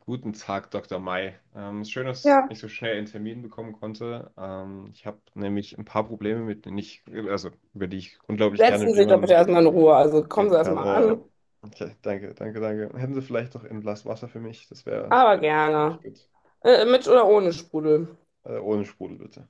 Guten Tag, Dr. Mai. Schön, dass Ja, ich so schnell einen Termin bekommen konnte. Ich habe nämlich ein paar Probleme, mit denen ich, also über die ich unglaublich gerne setzen Sie mit sich doch bitte jemandem erstmal in Ruhe. Also kommen Sie reden kann. erstmal an. Okay, danke, danke, danke. Hätten Sie vielleicht noch ein Glas Wasser für mich? Das wäre, Aber glaube ich, gerne. gut. Mit oder ohne Sprudel. Ohne Sprudel, bitte.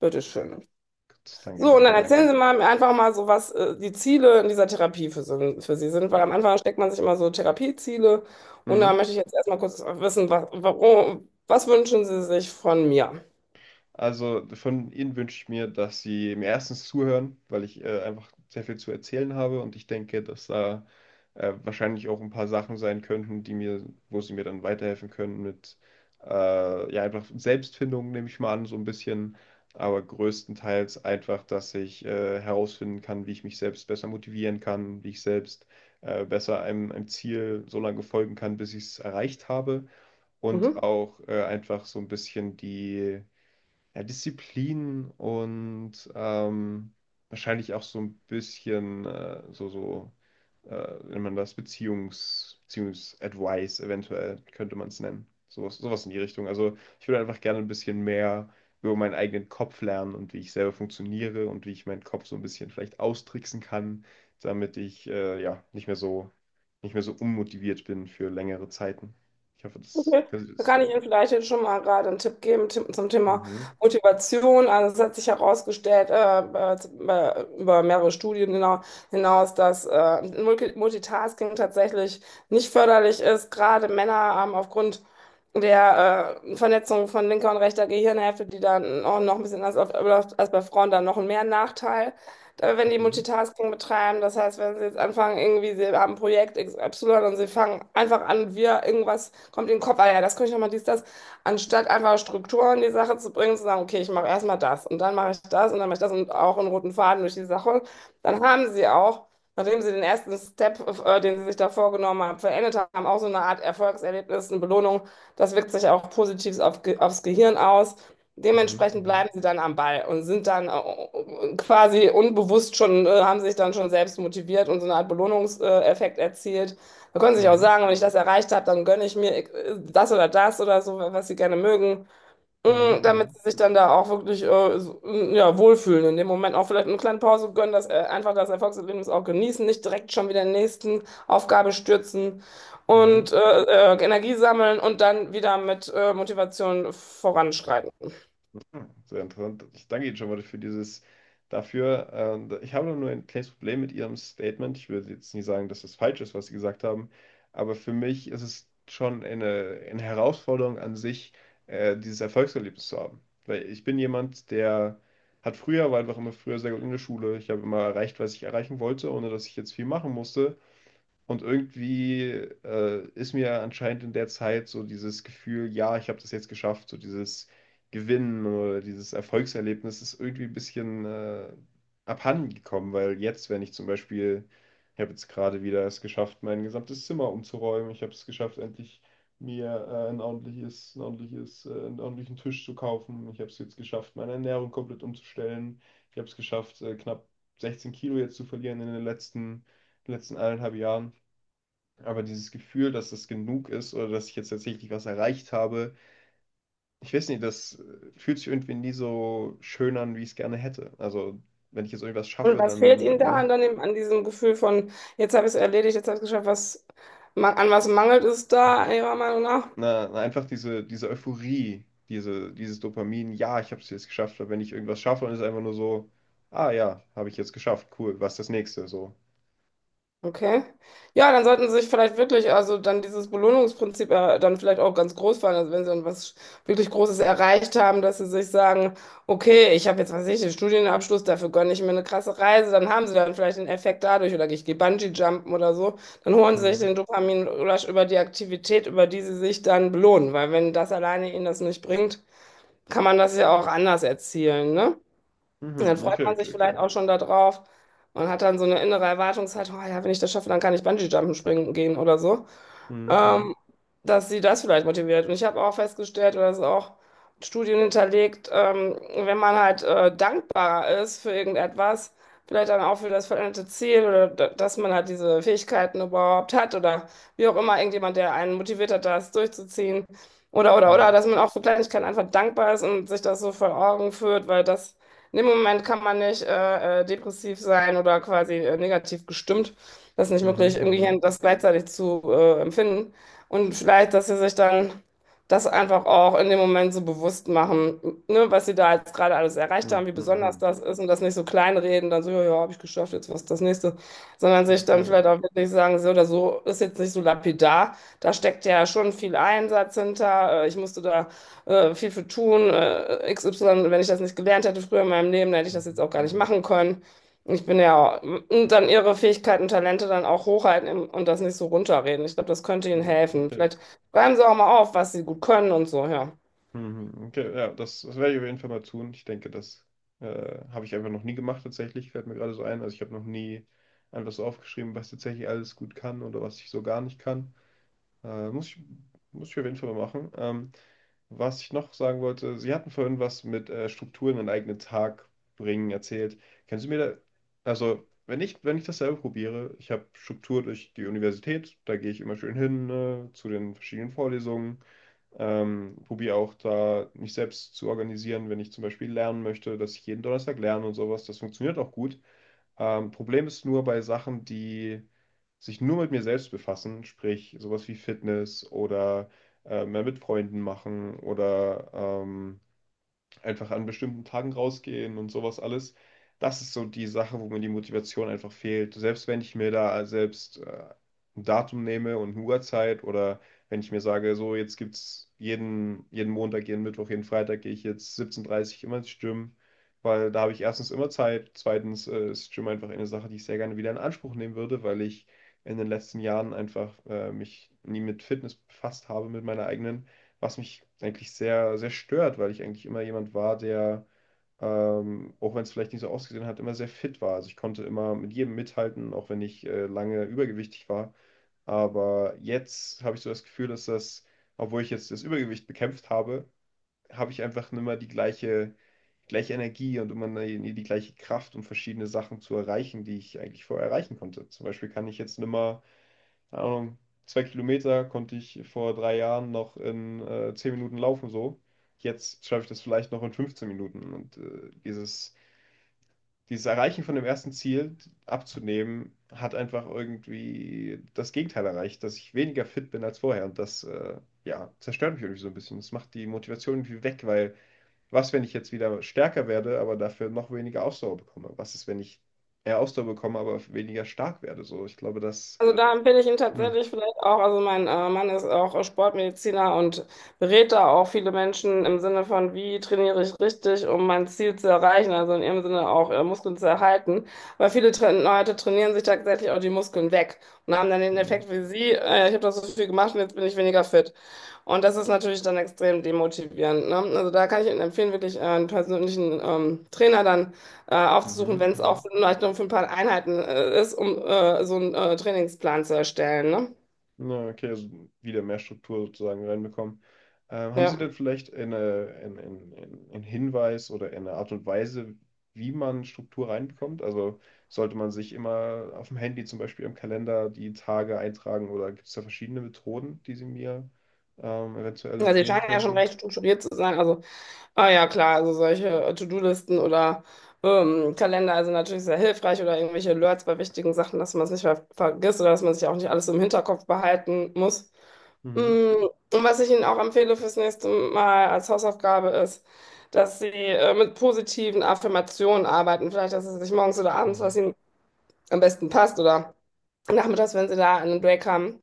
Bitteschön. Gut, danke, So, und danke, dann erzählen danke. Sie mal einfach mal so, was die Ziele in dieser Therapie für Sie sind, weil Ja. am Anfang steckt man sich immer so Therapieziele. Und da Mhm. möchte ich jetzt erstmal kurz wissen, was, warum, was wünschen Sie sich von mir? Also von Ihnen wünsche ich mir, dass Sie mir erstens zuhören, weil ich einfach sehr viel zu erzählen habe, und ich denke, dass da wahrscheinlich auch ein paar Sachen sein könnten, die mir, wo Sie mir dann weiterhelfen können mit ja einfach Selbstfindung, nehme ich mal an, so ein bisschen, aber größtenteils einfach, dass ich herausfinden kann, wie ich mich selbst besser motivieren kann, wie ich selbst besser einem Ziel so lange folgen kann, bis ich es erreicht habe, und Mhm. auch einfach so ein bisschen die ja, Disziplin und wahrscheinlich auch so ein bisschen so, so wenn man das Beziehungs-Advice eventuell, könnte man es nennen. Sowas, sowas in die Richtung. Also ich würde einfach gerne ein bisschen mehr über meinen eigenen Kopf lernen und wie ich selber funktioniere und wie ich meinen Kopf so ein bisschen vielleicht austricksen kann, damit ich ja nicht mehr so unmotiviert bin für längere Zeiten. Ich hoffe, das, Okay. das Da ist. kann ich Ihnen vielleicht jetzt schon mal gerade einen Tipp geben Tipp zum Thema Mhm. Motivation. Also es hat sich herausgestellt, über mehrere Studien hinaus, dass Multitasking tatsächlich nicht förderlich ist. Gerade Männer haben aufgrund der Vernetzung von linker und rechter Gehirnhälfte, die dann auch noch ein bisschen anders abläuft als bei Frauen, dann noch mehr Nachteil, wenn die Mhm. Multitasking betreiben. Das heißt, wenn sie jetzt anfangen, irgendwie, sie haben Projekt X, Y und sie fangen einfach an, irgendwas kommt in den Kopf, ah ja, das könnte ich nochmal, dies, das, anstatt einfach Strukturen in die Sache zu bringen, zu sagen, okay, ich mache erstmal das und dann mache ich das und dann mache ich das und auch einen roten Faden durch die Sache, dann haben sie auch, nachdem sie den ersten Step, den sie sich da vorgenommen haben, verendet haben, auch so eine Art Erfolgserlebnis, eine Belohnung, das wirkt sich auch positiv aufs Gehirn aus. Mhm. Dementsprechend Mhm. bleiben sie dann am Ball und sind dann quasi unbewusst schon, haben sich dann schon selbst motiviert und so eine Art Belohnungseffekt erzielt. Da können sie sich auch Mhm. sagen, wenn ich das erreicht habe, dann gönne ich mir das oder das oder so, was sie gerne mögen, Mhm. Mm, damit Mhm. sie sich dann da auch wirklich so, ja, wohlfühlen. In dem Moment auch vielleicht eine kleine Pause gönnen, einfach das Erfolgserlebnis auch genießen, nicht direkt schon wieder in die nächsten Aufgabe stürzen Mhm. und Energie sammeln und dann wieder mit Motivation voranschreiten. Hm, sehr interessant. Ich danke Ihnen schon mal für dieses dafür. Ich habe nur ein kleines Problem mit Ihrem Statement. Ich würde jetzt nicht sagen, dass es falsch ist, was Sie gesagt haben, aber für mich ist es schon eine Herausforderung an sich, dieses Erfolgserlebnis zu haben. Weil ich bin jemand, der hat früher, war einfach immer früher sehr gut in der Schule. Ich habe immer erreicht, was ich erreichen wollte, ohne dass ich jetzt viel machen musste. Und irgendwie ist mir anscheinend in der Zeit so dieses Gefühl, ja, ich habe das jetzt geschafft, so dieses Gewinnen oder dieses Erfolgserlebnis ist irgendwie ein bisschen abhanden gekommen, weil jetzt, wenn ich zum Beispiel, ich habe jetzt gerade wieder es geschafft, mein gesamtes Zimmer umzuräumen, ich habe es geschafft, endlich mir einen ordentlichen Tisch zu kaufen, ich habe es jetzt geschafft, meine Ernährung komplett umzustellen, ich habe es geschafft, knapp 16 Kilo jetzt zu verlieren in den letzten eineinhalb Jahren. Aber dieses Gefühl, dass das genug ist oder dass ich jetzt tatsächlich was erreicht habe, ich weiß nicht, das fühlt sich irgendwie nie so schön an, wie ich es gerne hätte. Also, wenn ich jetzt irgendwas Und schaffe, was fehlt dann, Ihnen da an, ne? dem, an diesem Gefühl von, jetzt habe ich es erledigt, jetzt habe ich es geschafft, was, ma- an was mangelt es da Ihrer Meinung nach? Na, na, einfach diese Euphorie, diese, dieses Dopamin, ja, ich habe es jetzt geschafft. Aber wenn ich irgendwas schaffe, dann ist es einfach nur so, ah ja, habe ich jetzt geschafft, cool, was ist das nächste? So. Okay. Ja, dann sollten Sie sich vielleicht wirklich, also dann dieses Belohnungsprinzip dann vielleicht auch ganz groß fahren, also wenn Sie dann was wirklich Großes erreicht haben, dass Sie sich sagen, okay, ich habe jetzt, was weiß ich, den Studienabschluss, dafür gönne ich mir eine krasse Reise, dann haben Sie dann vielleicht den Effekt dadurch, oder ich gehe Bungee-Jumpen oder so, dann holen Sie sich Mhm. den Dopamin über die Aktivität, über die Sie sich dann belohnen, weil wenn das alleine Ihnen das nicht bringt, kann man das ja auch anders erzielen, ne? Und dann Mhm. freut Okay, man okay, sich okay. vielleicht auch schon darauf und hat dann so eine innere Erwartungshaltung, oh ja, wenn ich das schaffe, dann kann ich Bungee-Jumpen springen gehen oder so, Mhm. ähm, dass sie das vielleicht motiviert. Und ich habe auch festgestellt, oder das ist auch mit Studien hinterlegt, wenn man halt dankbarer ist für irgendetwas, vielleicht dann auch für das veränderte Ziel, dass man halt diese Fähigkeiten überhaupt hat oder wie auch immer, irgendjemand, der einen motiviert hat, das durchzuziehen. Oder Mhm. dass man auch für Kleinigkeiten einfach dankbar ist und sich das so vor Augen führt, weil das, in dem Moment kann man nicht depressiv sein oder quasi negativ gestimmt, das nicht möglich, Mhm. irgendwie hin, Mhm. das gleichzeitig zu empfinden. Und vielleicht, dass sie sich dann das einfach auch in dem Moment so bewusst machen, ne, was sie da jetzt gerade alles erreicht haben, Mhm. wie besonders Mhm. das ist und das nicht so kleinreden, dann so, ja, habe ich geschafft, jetzt was ist das nächste, sondern sich dann Okay. vielleicht auch wirklich sagen, so oder so, ist jetzt nicht so lapidar, da steckt ja schon viel Einsatz hinter, ich musste da viel für tun, XY, wenn ich das nicht gelernt hätte früher in meinem Leben, dann hätte ich das jetzt Mhm. auch gar nicht Mhm. machen können. Ich bin ja und Dann ihre Fähigkeiten, Talente dann auch hochhalten und das nicht so runterreden. Ich glaube, das könnte Ja. ihnen helfen. Okay. Vielleicht schreiben sie auch mal auf, was sie gut können und so, ja. Mhm. Okay, ja, das werde ich auf jeden Fall mal tun. Ich denke, das habe ich einfach noch nie gemacht tatsächlich, fällt mir gerade so ein. Also ich habe noch nie einfach so aufgeschrieben, was tatsächlich alles gut kann oder was ich so gar nicht kann. Muss ich, muss ich auf jeden Fall mal machen. Was ich noch sagen wollte, Sie hatten vorhin was mit Strukturen in den eigenen Tag bringen erzählt. Kannst du mir da, also wenn ich das selber probiere, ich habe Struktur durch die Universität, da gehe ich immer schön hin, ne, zu den verschiedenen Vorlesungen. Probiere auch da mich selbst zu organisieren, wenn ich zum Beispiel lernen möchte, dass ich jeden Donnerstag lerne und sowas. Das funktioniert auch gut. Problem ist nur bei Sachen, die sich nur mit mir selbst befassen, sprich sowas wie Fitness oder mehr mit Freunden machen oder einfach an bestimmten Tagen rausgehen und sowas alles. Das ist so die Sache, wo mir die Motivation einfach fehlt. Selbst wenn ich mir da selbst ein Datum nehme und eine Uhrzeit, oder wenn ich mir sage, so, jetzt gibt's jeden Montag, jeden Mittwoch, jeden Freitag gehe ich jetzt 17:30 Uhr dreißig immer ins Gym, weil da habe ich erstens immer Zeit, zweitens ist Gym einfach eine Sache, die ich sehr gerne wieder in Anspruch nehmen würde, weil ich in den letzten Jahren einfach mich nie mit Fitness befasst habe, mit meiner eigenen, was mich eigentlich sehr, sehr stört, weil ich eigentlich immer jemand war, der, auch wenn es vielleicht nicht so ausgesehen hat, immer sehr fit war. Also ich konnte immer mit jedem mithalten, auch wenn ich lange übergewichtig war. Aber jetzt habe ich so das Gefühl, dass das, obwohl ich jetzt das Übergewicht bekämpft habe, habe ich einfach nicht mehr die gleiche Energie und immer die gleiche Kraft, um verschiedene Sachen zu erreichen, die ich eigentlich vorher erreichen konnte. Zum Beispiel kann ich jetzt nicht mehr, keine Ahnung, 2 Kilometer konnte ich vor 3 Jahren noch in 10 Minuten laufen so. Jetzt schaffe ich das vielleicht noch in 15 Minuten. Und dieses Erreichen von dem ersten Ziel abzunehmen, hat einfach irgendwie das Gegenteil erreicht, dass ich weniger fit bin als vorher. Und das, ja, zerstört mich irgendwie so ein bisschen. Das macht die Motivation irgendwie weg, weil, was, wenn ich jetzt wieder stärker werde, aber dafür noch weniger Ausdauer bekomme? Was ist, wenn ich mehr Ausdauer bekomme, aber weniger stark werde? So, ich glaube, das. Also da empfehle ich ihn Hm. tatsächlich vielleicht auch. Also mein Mann ist auch Sportmediziner und berät da auch viele Menschen im Sinne von, wie trainiere ich richtig, um mein Ziel zu erreichen, also in ihrem Sinne auch Muskeln zu erhalten. Weil viele Tra Leute trainieren sich tatsächlich auch die Muskeln weg und haben dann den Hm. Effekt wie Sie, ich habe doch so viel gemacht und jetzt bin ich weniger fit. Und das ist natürlich dann extrem demotivierend, ne? Also da kann ich Ihnen empfehlen, wirklich einen persönlichen Trainer dann aufzusuchen, Mhm, wenn es auch mhm. vielleicht nur für ein paar Einheiten ist, um so einen Trainingsplan zu erstellen. Ne? Ja, okay, also wieder mehr Struktur sozusagen reinbekommen. Haben Sie Ja, denn vielleicht einen Hinweis oder eine Art und Weise, wie man Struktur reinbekommt? Also sollte man sich immer auf dem Handy zum Beispiel im Kalender die Tage eintragen, oder gibt es da verschiedene Methoden, die Sie mir eventuell also die empfehlen scheinen ja schon könnten? recht strukturiert zu sein. Also, ah ja, klar, also solche To-Do-Listen oder Kalender sind natürlich sehr hilfreich oder irgendwelche Alerts bei wichtigen Sachen, dass man es nicht vergisst oder dass man sich auch nicht alles im Hinterkopf behalten muss. Mm, Mhm, Und was ich Ihnen auch empfehle fürs nächste Mal als Hausaufgabe ist, dass Sie mit positiven Affirmationen arbeiten. Vielleicht, dass Sie sich morgens oder abends, was mhm, Ihnen am besten passt, oder nachmittags, wenn sie da in den Break haben.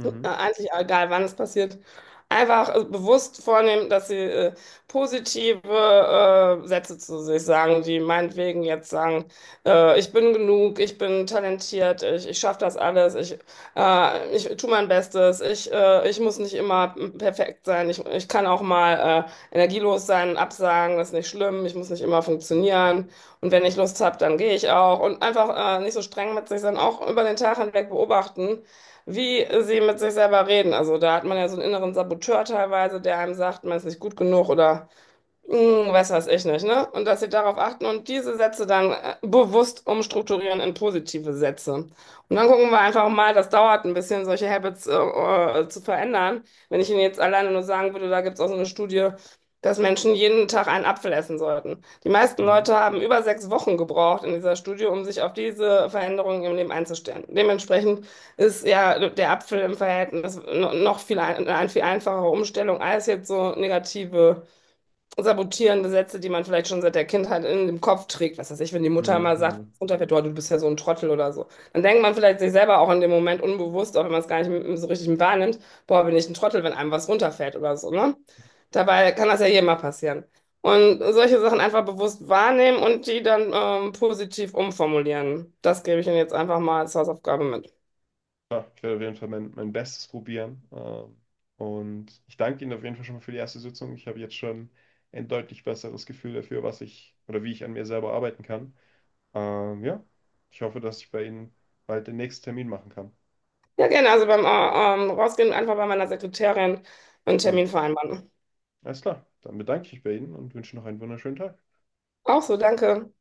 So, eigentlich egal, wann es passiert. Einfach bewusst vornehmen, dass sie positive Sätze zu sich sagen, die meinetwegen jetzt sagen, ich bin genug, ich bin talentiert, ich schaffe das alles, ich tue mein Bestes, ich muss nicht immer perfekt sein, ich kann auch mal energielos sein, absagen, das ist nicht schlimm, ich muss nicht immer funktionieren, und wenn ich Lust habe, dann gehe ich auch, und einfach nicht so streng mit sich sein, auch über den Tag hinweg beobachten, wie sie mit sich selber reden. Also da hat man ja so einen inneren Saboteur teilweise, der einem sagt, man ist nicht gut genug oder hm, weiß was ich nicht, ne? Und dass sie darauf achten und diese Sätze dann bewusst umstrukturieren in positive Sätze. Und dann gucken wir einfach mal, das dauert ein bisschen, solche Habits zu verändern. Wenn ich Ihnen jetzt alleine nur sagen würde, da gibt es auch so eine Studie, dass Menschen jeden Tag einen Apfel essen sollten. Die meisten mhm, Leute haben über 6 Wochen gebraucht in dieser Studie, um sich auf diese Veränderungen im Leben einzustellen. Dementsprechend ist ja der Apfel im Verhältnis noch viel eine viel einfachere Umstellung als jetzt so negative sabotierende Sätze, die man vielleicht schon seit der Kindheit in dem Kopf trägt. Was weiß ich, wenn die Mutter mhm, mal sagt, mhm. runterfährt, oh, du bist ja so ein Trottel oder so. Dann denkt man vielleicht sich selber auch in dem Moment unbewusst, auch wenn man es gar nicht so richtig wahrnimmt, boah, bin ich ein Trottel, wenn einem was runterfällt oder so, ne? Dabei kann das ja jedem mal passieren. Und solche Sachen einfach bewusst wahrnehmen und die dann positiv umformulieren. Das gebe ich Ihnen jetzt einfach mal als Hausaufgabe mit. Ja, ich werde auf jeden Fall mein Bestes probieren. Und ich danke Ihnen auf jeden Fall schon mal für die erste Sitzung. Ich habe jetzt schon ein deutlich besseres Gefühl dafür, was ich oder wie ich an mir selber arbeiten kann. Ja, ich hoffe, dass ich bei Ihnen bald den nächsten Termin machen kann. Ja, gerne. Also beim Rausgehen einfach bei meiner Sekretärin einen Hm. Termin vereinbaren. Alles klar, dann bedanke ich mich bei Ihnen und wünsche noch einen wunderschönen Tag. Auch so, danke.